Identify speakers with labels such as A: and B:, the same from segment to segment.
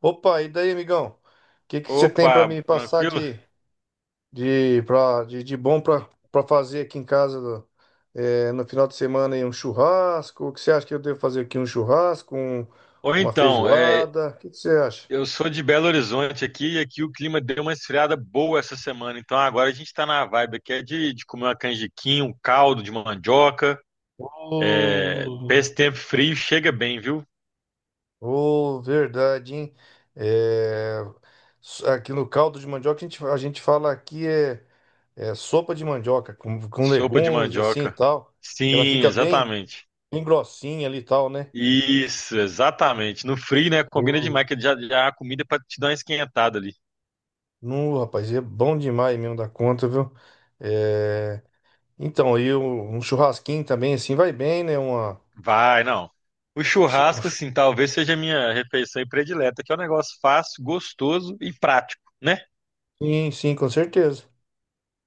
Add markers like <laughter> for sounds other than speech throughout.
A: Opa, e daí, amigão? O que que você tem pra
B: Opa,
A: me passar
B: tranquilo?
A: de bom pra para fazer aqui em casa no final de semana aí, um churrasco? O que você acha que eu devo fazer aqui? Um churrasco,
B: Ou
A: uma
B: então,
A: feijoada? O que que você acha?
B: eu sou de Belo Horizonte aqui e aqui o clima deu uma esfriada boa essa semana. Então agora a gente tá na vibe aqui é de comer uma canjiquinha, um caldo de mandioca. É, pra
A: Oh,
B: esse tempo frio chega bem, viu?
A: Ô, verdade, hein? É, Aqui no caldo de mandioca a gente fala aqui é sopa de mandioca com
B: Sopa de
A: legumes assim e
B: mandioca.
A: tal, que ela
B: Sim,
A: fica
B: exatamente.
A: bem grossinha ali e tal, né?
B: Isso, exatamente. No frio, né? Combina demais, que já, já a comida é pra te dar uma esquentada ali.
A: No, rapaz, é bom demais mesmo da conta, viu? É, Então, aí um churrasquinho também, assim, vai bem, né? Uma...
B: Vai, não. O
A: chu- um
B: churrasco,
A: chu-
B: assim, talvez seja a minha refeição predileta, que é um negócio fácil, gostoso e prático, né?
A: Sim, sim, com certeza.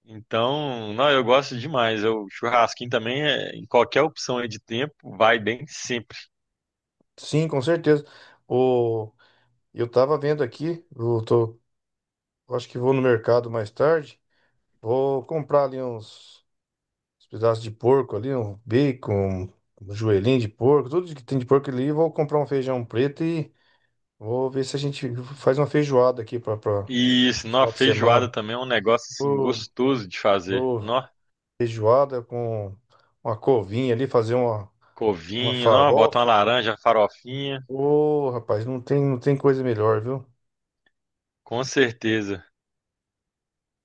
B: Então, não, eu gosto demais. O churrasquinho também, em qualquer opção aí de tempo, vai bem sempre.
A: Sim, com certeza. O... Eu tava vendo aqui, eu eu acho que vou no mercado mais tarde, vou comprar ali uns pedaços de porco ali, um bacon, um joelhinho de porco, tudo que tem de porco ali, vou comprar um feijão preto e vou ver se a gente faz uma feijoada aqui para
B: E isso, não, a
A: final de
B: feijoada
A: semana.
B: também é um negócio, assim,
A: Ô,
B: gostoso de fazer. Não,
A: feijoada com uma covinha ali, uma
B: covinho, não, bota uma
A: farofa.
B: laranja, farofinha,
A: Ô, rapaz, não tem coisa melhor, viu?
B: com certeza.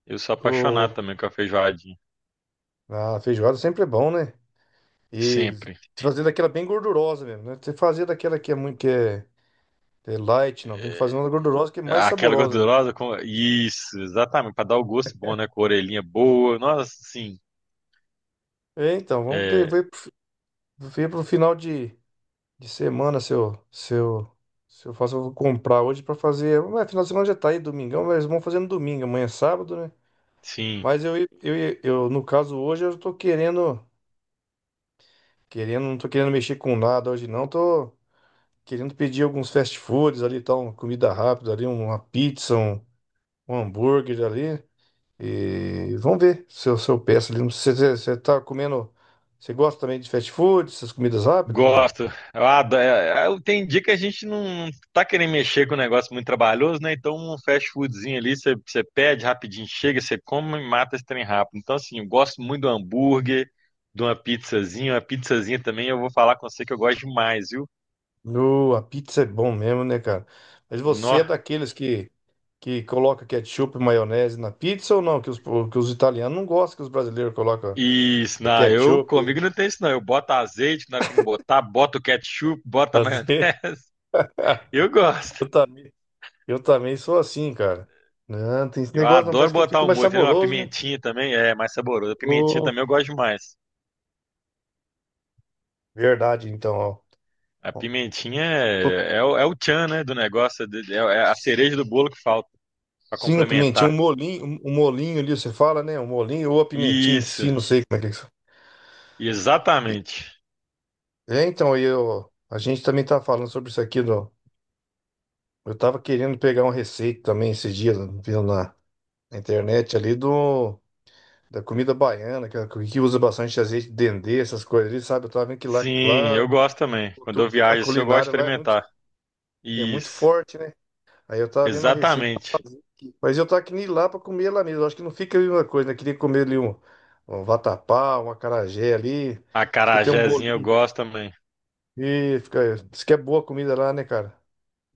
B: Eu sou
A: Ô,
B: apaixonado também com a feijoadinha,
A: a feijoada sempre é bom, né? E
B: sempre.
A: fazer daquela bem gordurosa mesmo, né? Você fazer daquela que é é light, não. Tem que fazer uma gordurosa que é mais
B: Aquela
A: saborosa ainda.
B: gordurosa com. Isso, exatamente, para dar o gosto bom, né? Com a orelhinha boa. Nossa, sim.
A: É, então, vamos ver,
B: É,
A: ver pro, fi- ver pro final de semana se eu faço, eu vou comprar hoje pra fazer. Ué, final de semana já tá aí, domingão, mas vamos fazer no domingo. Amanhã é sábado, né?
B: sim.
A: Mas no caso hoje, eu tô não tô querendo mexer com nada hoje não, tô querendo pedir alguns fast foods ali, tal, uma comida rápida ali, uma pizza, um hambúrguer ali, e vamos ver se eu peço ali, você tá comendo, você gosta também de fast food, essas comidas rápidas ou não?
B: Gosto. Eu adoro. Tem dia que a gente não tá querendo mexer com um negócio muito trabalhoso, né? Então, um fast foodzinho ali, você pede rapidinho, chega, você come e mata esse trem rápido. Então, assim, eu gosto muito do hambúrguer, de uma pizzazinha. Uma pizzazinha também, eu vou falar com você que eu gosto demais, viu?
A: No, a pizza é bom mesmo, né, cara? Mas você
B: Nó.
A: é daqueles que coloca ketchup e maionese na pizza ou não? Que que os italianos não gostam que os brasileiros colocam
B: Isso, não, eu comigo
A: ketchup.
B: não tem isso não. Eu boto azeite na hora que tem que botar, boto o ketchup, boto a maionese.
A: Fazer. <laughs>
B: <laughs> Eu gosto.
A: Eu também, eu também sou assim, cara. Não, tem esse
B: Eu
A: negócio, não.
B: adoro
A: Parece que
B: botar
A: fica
B: um
A: mais
B: molho, entendeu? Uma
A: saboroso, né?
B: pimentinha também é mais saborosa. A pimentinha
A: Ô,
B: também eu gosto demais.
A: verdade, então, ó.
B: A
A: Ó,
B: pimentinha
A: tô-
B: é o o tchan, né, do negócio, é a cereja do bolo que falta pra
A: Sim, a pimentinha, um
B: complementar.
A: molinho, um molinho ali, você fala, né? Um molinho ou a pimentinha em
B: Isso,
A: si, não sei como é que é isso.
B: exatamente.
A: É, então, a gente também tava falando sobre isso aqui, eu tava querendo pegar uma receita também esses dias, viu, na, na internet ali, da comida baiana, que usa bastante azeite de dendê, essas coisas ali, sabe? Eu tava vendo
B: Sim,
A: lá a
B: eu gosto também. Quando eu
A: a
B: viajo, assim, eu gosto de
A: culinária lá é muito.
B: experimentar.
A: É muito
B: Isso,
A: forte, né? Aí eu tava vendo a receita.
B: exatamente.
A: Mas eu tava querendo ir lá pra comer lá mesmo. Acho que não fica a mesma coisa, né? Queria comer ali um vatapá, um acarajé ali.
B: A
A: Diz que tem um
B: Acarajézinho eu
A: bolinho.
B: gosto também.
A: E fica. Diz que é boa a comida lá, né, cara?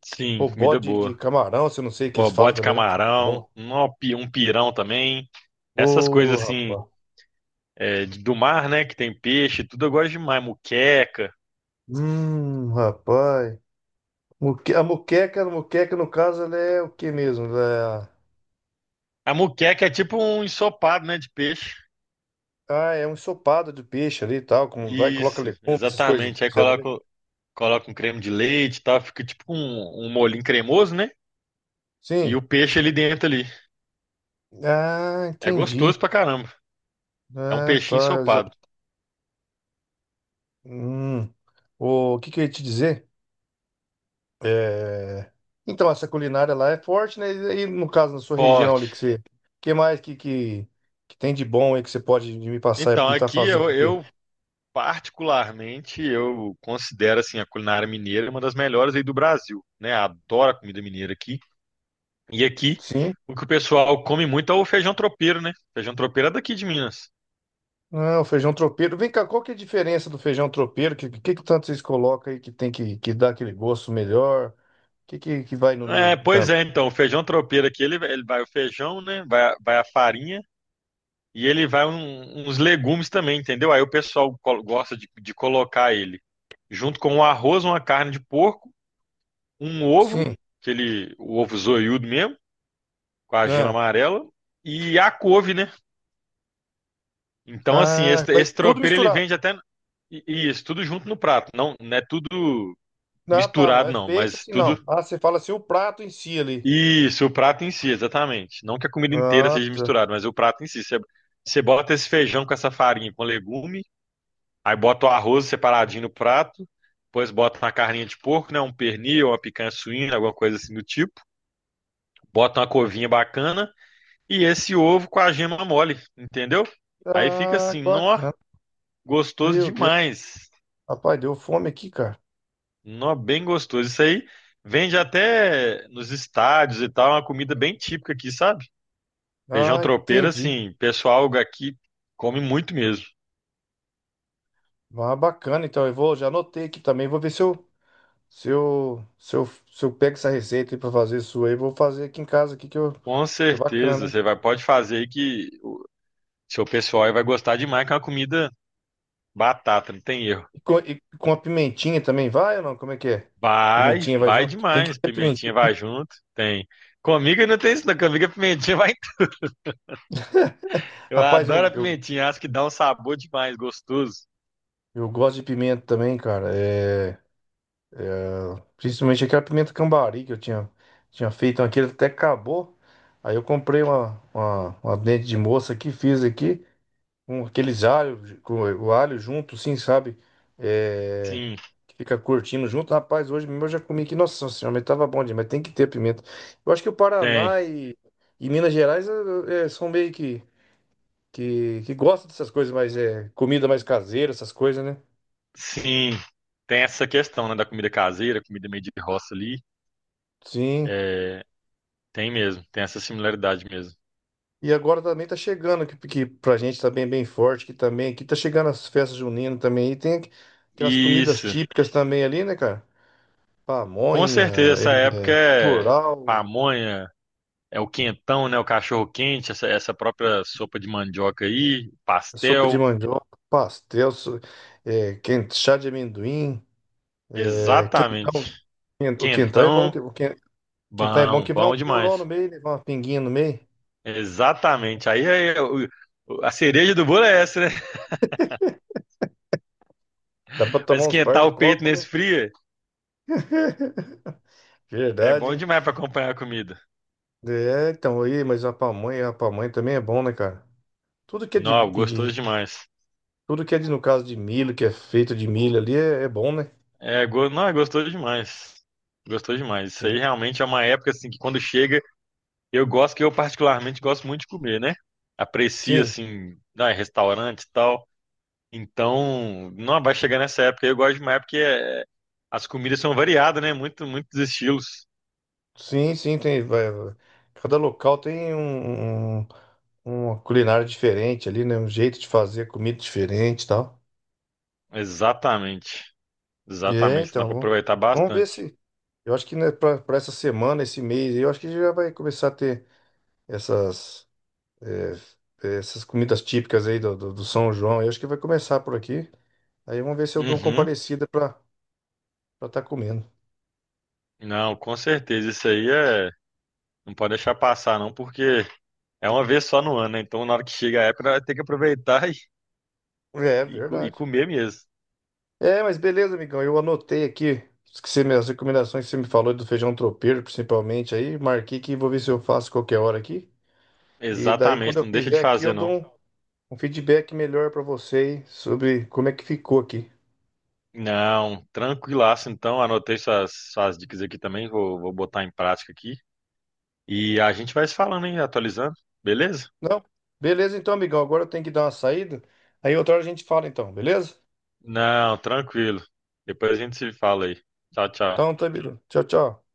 B: Sim,
A: Pô,
B: comida
A: bode de
B: boa.
A: camarão, se eu não sei o que eles falam
B: Bote
A: também lá. É
B: camarão,
A: bom.
B: um um pirão também. Essas
A: Ô,
B: coisas assim,
A: rapaz.
B: é, do mar, né? Que tem peixe, tudo eu gosto demais. Muqueca.
A: Rapaz. A moqueca, no caso, ela é o que mesmo?
B: A muqueca é tipo um ensopado, né? De peixe.
A: Ah, é um ensopado de peixe ali e tal. Como vai, coloca
B: Isso,
A: legumes, essas coisas.
B: exatamente. Coloca um creme de leite e tal. Fica tipo um molhinho cremoso, né? E
A: Sim.
B: o peixe ali dentro ali.
A: Ah,
B: É gostoso
A: entendi.
B: pra caramba. É um
A: Ah, tá.
B: peixinho ensopado.
A: Hum. O que que eu ia te dizer? É, então, essa culinária lá é forte, né? E aí, no caso, na sua região
B: Forte.
A: ali, que você... que mais que tem de bom aí que você pode me passar e
B: Então,
A: me estar
B: aqui
A: fazendo aqui?
B: eu particularmente, eu considero assim a culinária mineira uma das melhores aí do Brasil, né? Adoro a comida mineira aqui. E aqui,
A: Sim?
B: o que o pessoal come muito é o feijão tropeiro, né? Feijão tropeiro é daqui de Minas.
A: Ah, o feijão tropeiro. Vem cá, qual que é a diferença do feijão tropeiro? O que, que tanto vocês colocam aí que dar aquele gosto melhor? O que, que vai no
B: É,
A: meio
B: pois
A: tanto?
B: é, então, o feijão tropeiro aqui, ele vai o feijão, né? Vai a farinha e ele vai uns legumes também, entendeu? Aí o pessoal gosta de colocar ele junto com um arroz, uma carne de porco, um ovo,
A: Sim.
B: aquele o ovo zoiudo mesmo, com a gema
A: Ah,
B: amarela, e a couve, né? Então, assim,
A: ah,
B: esse,
A: vai
B: esse
A: tudo
B: tropeiro ele
A: misturado.
B: vende até. Isso, tudo junto no prato. Não, não é tudo
A: Ah, tá. Não
B: misturado,
A: é
B: não,
A: feito
B: mas
A: assim, não.
B: tudo.
A: Ah, você fala assim, o prato em si ali.
B: Isso, o prato em si, exatamente. Não que a comida inteira
A: Ah,
B: seja
A: tá.
B: misturada, mas o prato em si. Você, você bota esse feijão com essa farinha com legume, aí bota o arroz separadinho no prato, depois bota uma carninha de porco, né? Um pernil, uma picanha suína, alguma coisa assim do tipo. Bota uma covinha bacana e esse ovo com a gema mole, entendeu? Aí fica
A: Ah, que
B: assim, nó,
A: bacana.
B: gostoso
A: Meu Deus.
B: demais.
A: Rapaz, deu fome aqui, cara.
B: Nó, bem gostoso. Isso aí vende até nos estádios e tal, é uma comida bem típica aqui, sabe? Feijão
A: Ah,
B: tropeiro,
A: entendi.
B: assim, pessoal aqui come muito mesmo.
A: Ah, bacana. Então, eu vou, já anotei aqui também. Vou ver se eu pego essa receita aí pra fazer sua aí. Vou fazer aqui em casa aqui
B: Com
A: que é
B: certeza,
A: bacana.
B: você vai, pode fazer aí que o seu pessoal aí vai gostar demais, que é uma comida batata, não tem erro.
A: E com a pimentinha também vai ou não? Como é que é?
B: Vai,
A: Pimentinha vai
B: vai
A: junto? Tem que
B: demais,
A: ter pimentinha.
B: pimentinha vai junto, tem. Comigo não tem isso, não. Comigo a pimentinha vai. <laughs> Eu
A: Rapaz,
B: adoro a pimentinha, acho que dá um sabor demais, gostoso.
A: eu gosto de pimenta também, cara. É. Principalmente aquela pimenta cambari que eu tinha feito, então aquilo até acabou. Aí eu comprei uma dente de moça aqui, fiz aqui, com aqueles alho, com o alho junto, assim, sabe? É,
B: Sim,
A: que fica curtindo junto. Rapaz, hoje mesmo eu já comi aqui, nossa senhora, mas tava bom demais, tem que ter pimenta. Eu acho que o
B: tem.
A: Paraná e Minas Gerais são meio que gostam dessas coisas, mas é comida mais caseira, essas coisas, né?
B: Sim, tem essa questão, né, da comida caseira, comida meio de roça ali.
A: Sim.
B: É, tem mesmo, tem essa similaridade mesmo.
A: E agora também tá chegando, que pra gente tá bem forte, que também, aqui tá chegando as festas juninas também, e tem aquelas comidas
B: Isso,
A: típicas também ali, né, cara?
B: com
A: Pamonha,
B: certeza,
A: é,
B: essa época é
A: curau,
B: pamonha, é o quentão, né, o cachorro quente, essa própria sopa de mandioca aí,
A: sopa de
B: pastel,
A: mandioca, pastel, chá de amendoim, é,
B: exatamente.
A: quentão. O quentão é bom,
B: Quentão,
A: quentão é bom
B: bom,
A: que vai um
B: bom
A: curau no
B: demais.
A: meio, né? Vai uma pinguinha no meio.
B: Exatamente. Aí, a cereja do bolo é essa, né? <laughs>
A: Dá pra
B: Mas
A: tomar uns par
B: esquentar
A: de
B: o peito
A: copos, né?
B: nesse frio
A: <laughs>
B: é
A: Verdade,
B: bom
A: hein?
B: demais para acompanhar a comida.
A: É, então aí, mas a pamonha também é bom, né, cara? Tudo que é de,
B: Não,
A: de,
B: gostoso demais.
A: Tudo que é de, no caso de milho, que é feito de milho ali, é, é bom, né?
B: É, não, gostou demais. Gostou demais. Isso
A: Sim.
B: aí realmente é uma época assim que quando chega, eu gosto que eu particularmente gosto muito de comer, né? Aprecio
A: Sim,
B: assim, ah, restaurante e tal. Então, não vai chegar nessa época. Eu gosto demais porque é, as comidas são variadas, né? Muitos estilos.
A: sim, tem. Vai, vai. Cada local tem uma culinária diferente ali, né? Um jeito de fazer comida diferente e tal.
B: Exatamente.
A: É,
B: Exatamente. Dá
A: então,
B: pra aproveitar
A: vamos ver
B: bastante.
A: se. Eu acho que né, para essa semana, esse mês, aí, eu acho que já vai começar a ter essas, é, essas comidas típicas aí do São João. Eu acho que vai começar por aqui. Aí vamos ver se eu dou uma
B: Uhum.
A: comparecida para estar comendo.
B: Não, com certeza. Isso aí é. Não pode deixar passar, não, porque é uma vez só no ano, né? Então, na hora que chega a época, vai ter que aproveitar <laughs>
A: É
B: E
A: verdade.
B: comer mesmo.
A: É, mas beleza, amigão. Eu anotei aqui as as recomendações que você me falou do feijão tropeiro, principalmente aí. Marquei que vou ver se eu faço qualquer hora aqui. E daí, quando
B: Exatamente,
A: eu
B: não deixa
A: fizer
B: de
A: aqui,
B: fazer,
A: eu dou
B: não.
A: um feedback melhor pra você aí sobre como é que ficou aqui.
B: Não, tranquilaço, então. Anotei suas dicas aqui também, vou botar em prática aqui. E a gente vai se falando, hein? Atualizando, beleza?
A: Não? Beleza, então, amigão. Agora eu tenho que dar uma saída. Aí outra hora a gente fala, então, beleza?
B: Não, tranquilo. Depois a gente se fala aí. Tchau, tchau.
A: Então, tá, beleza. Tchau, tchau.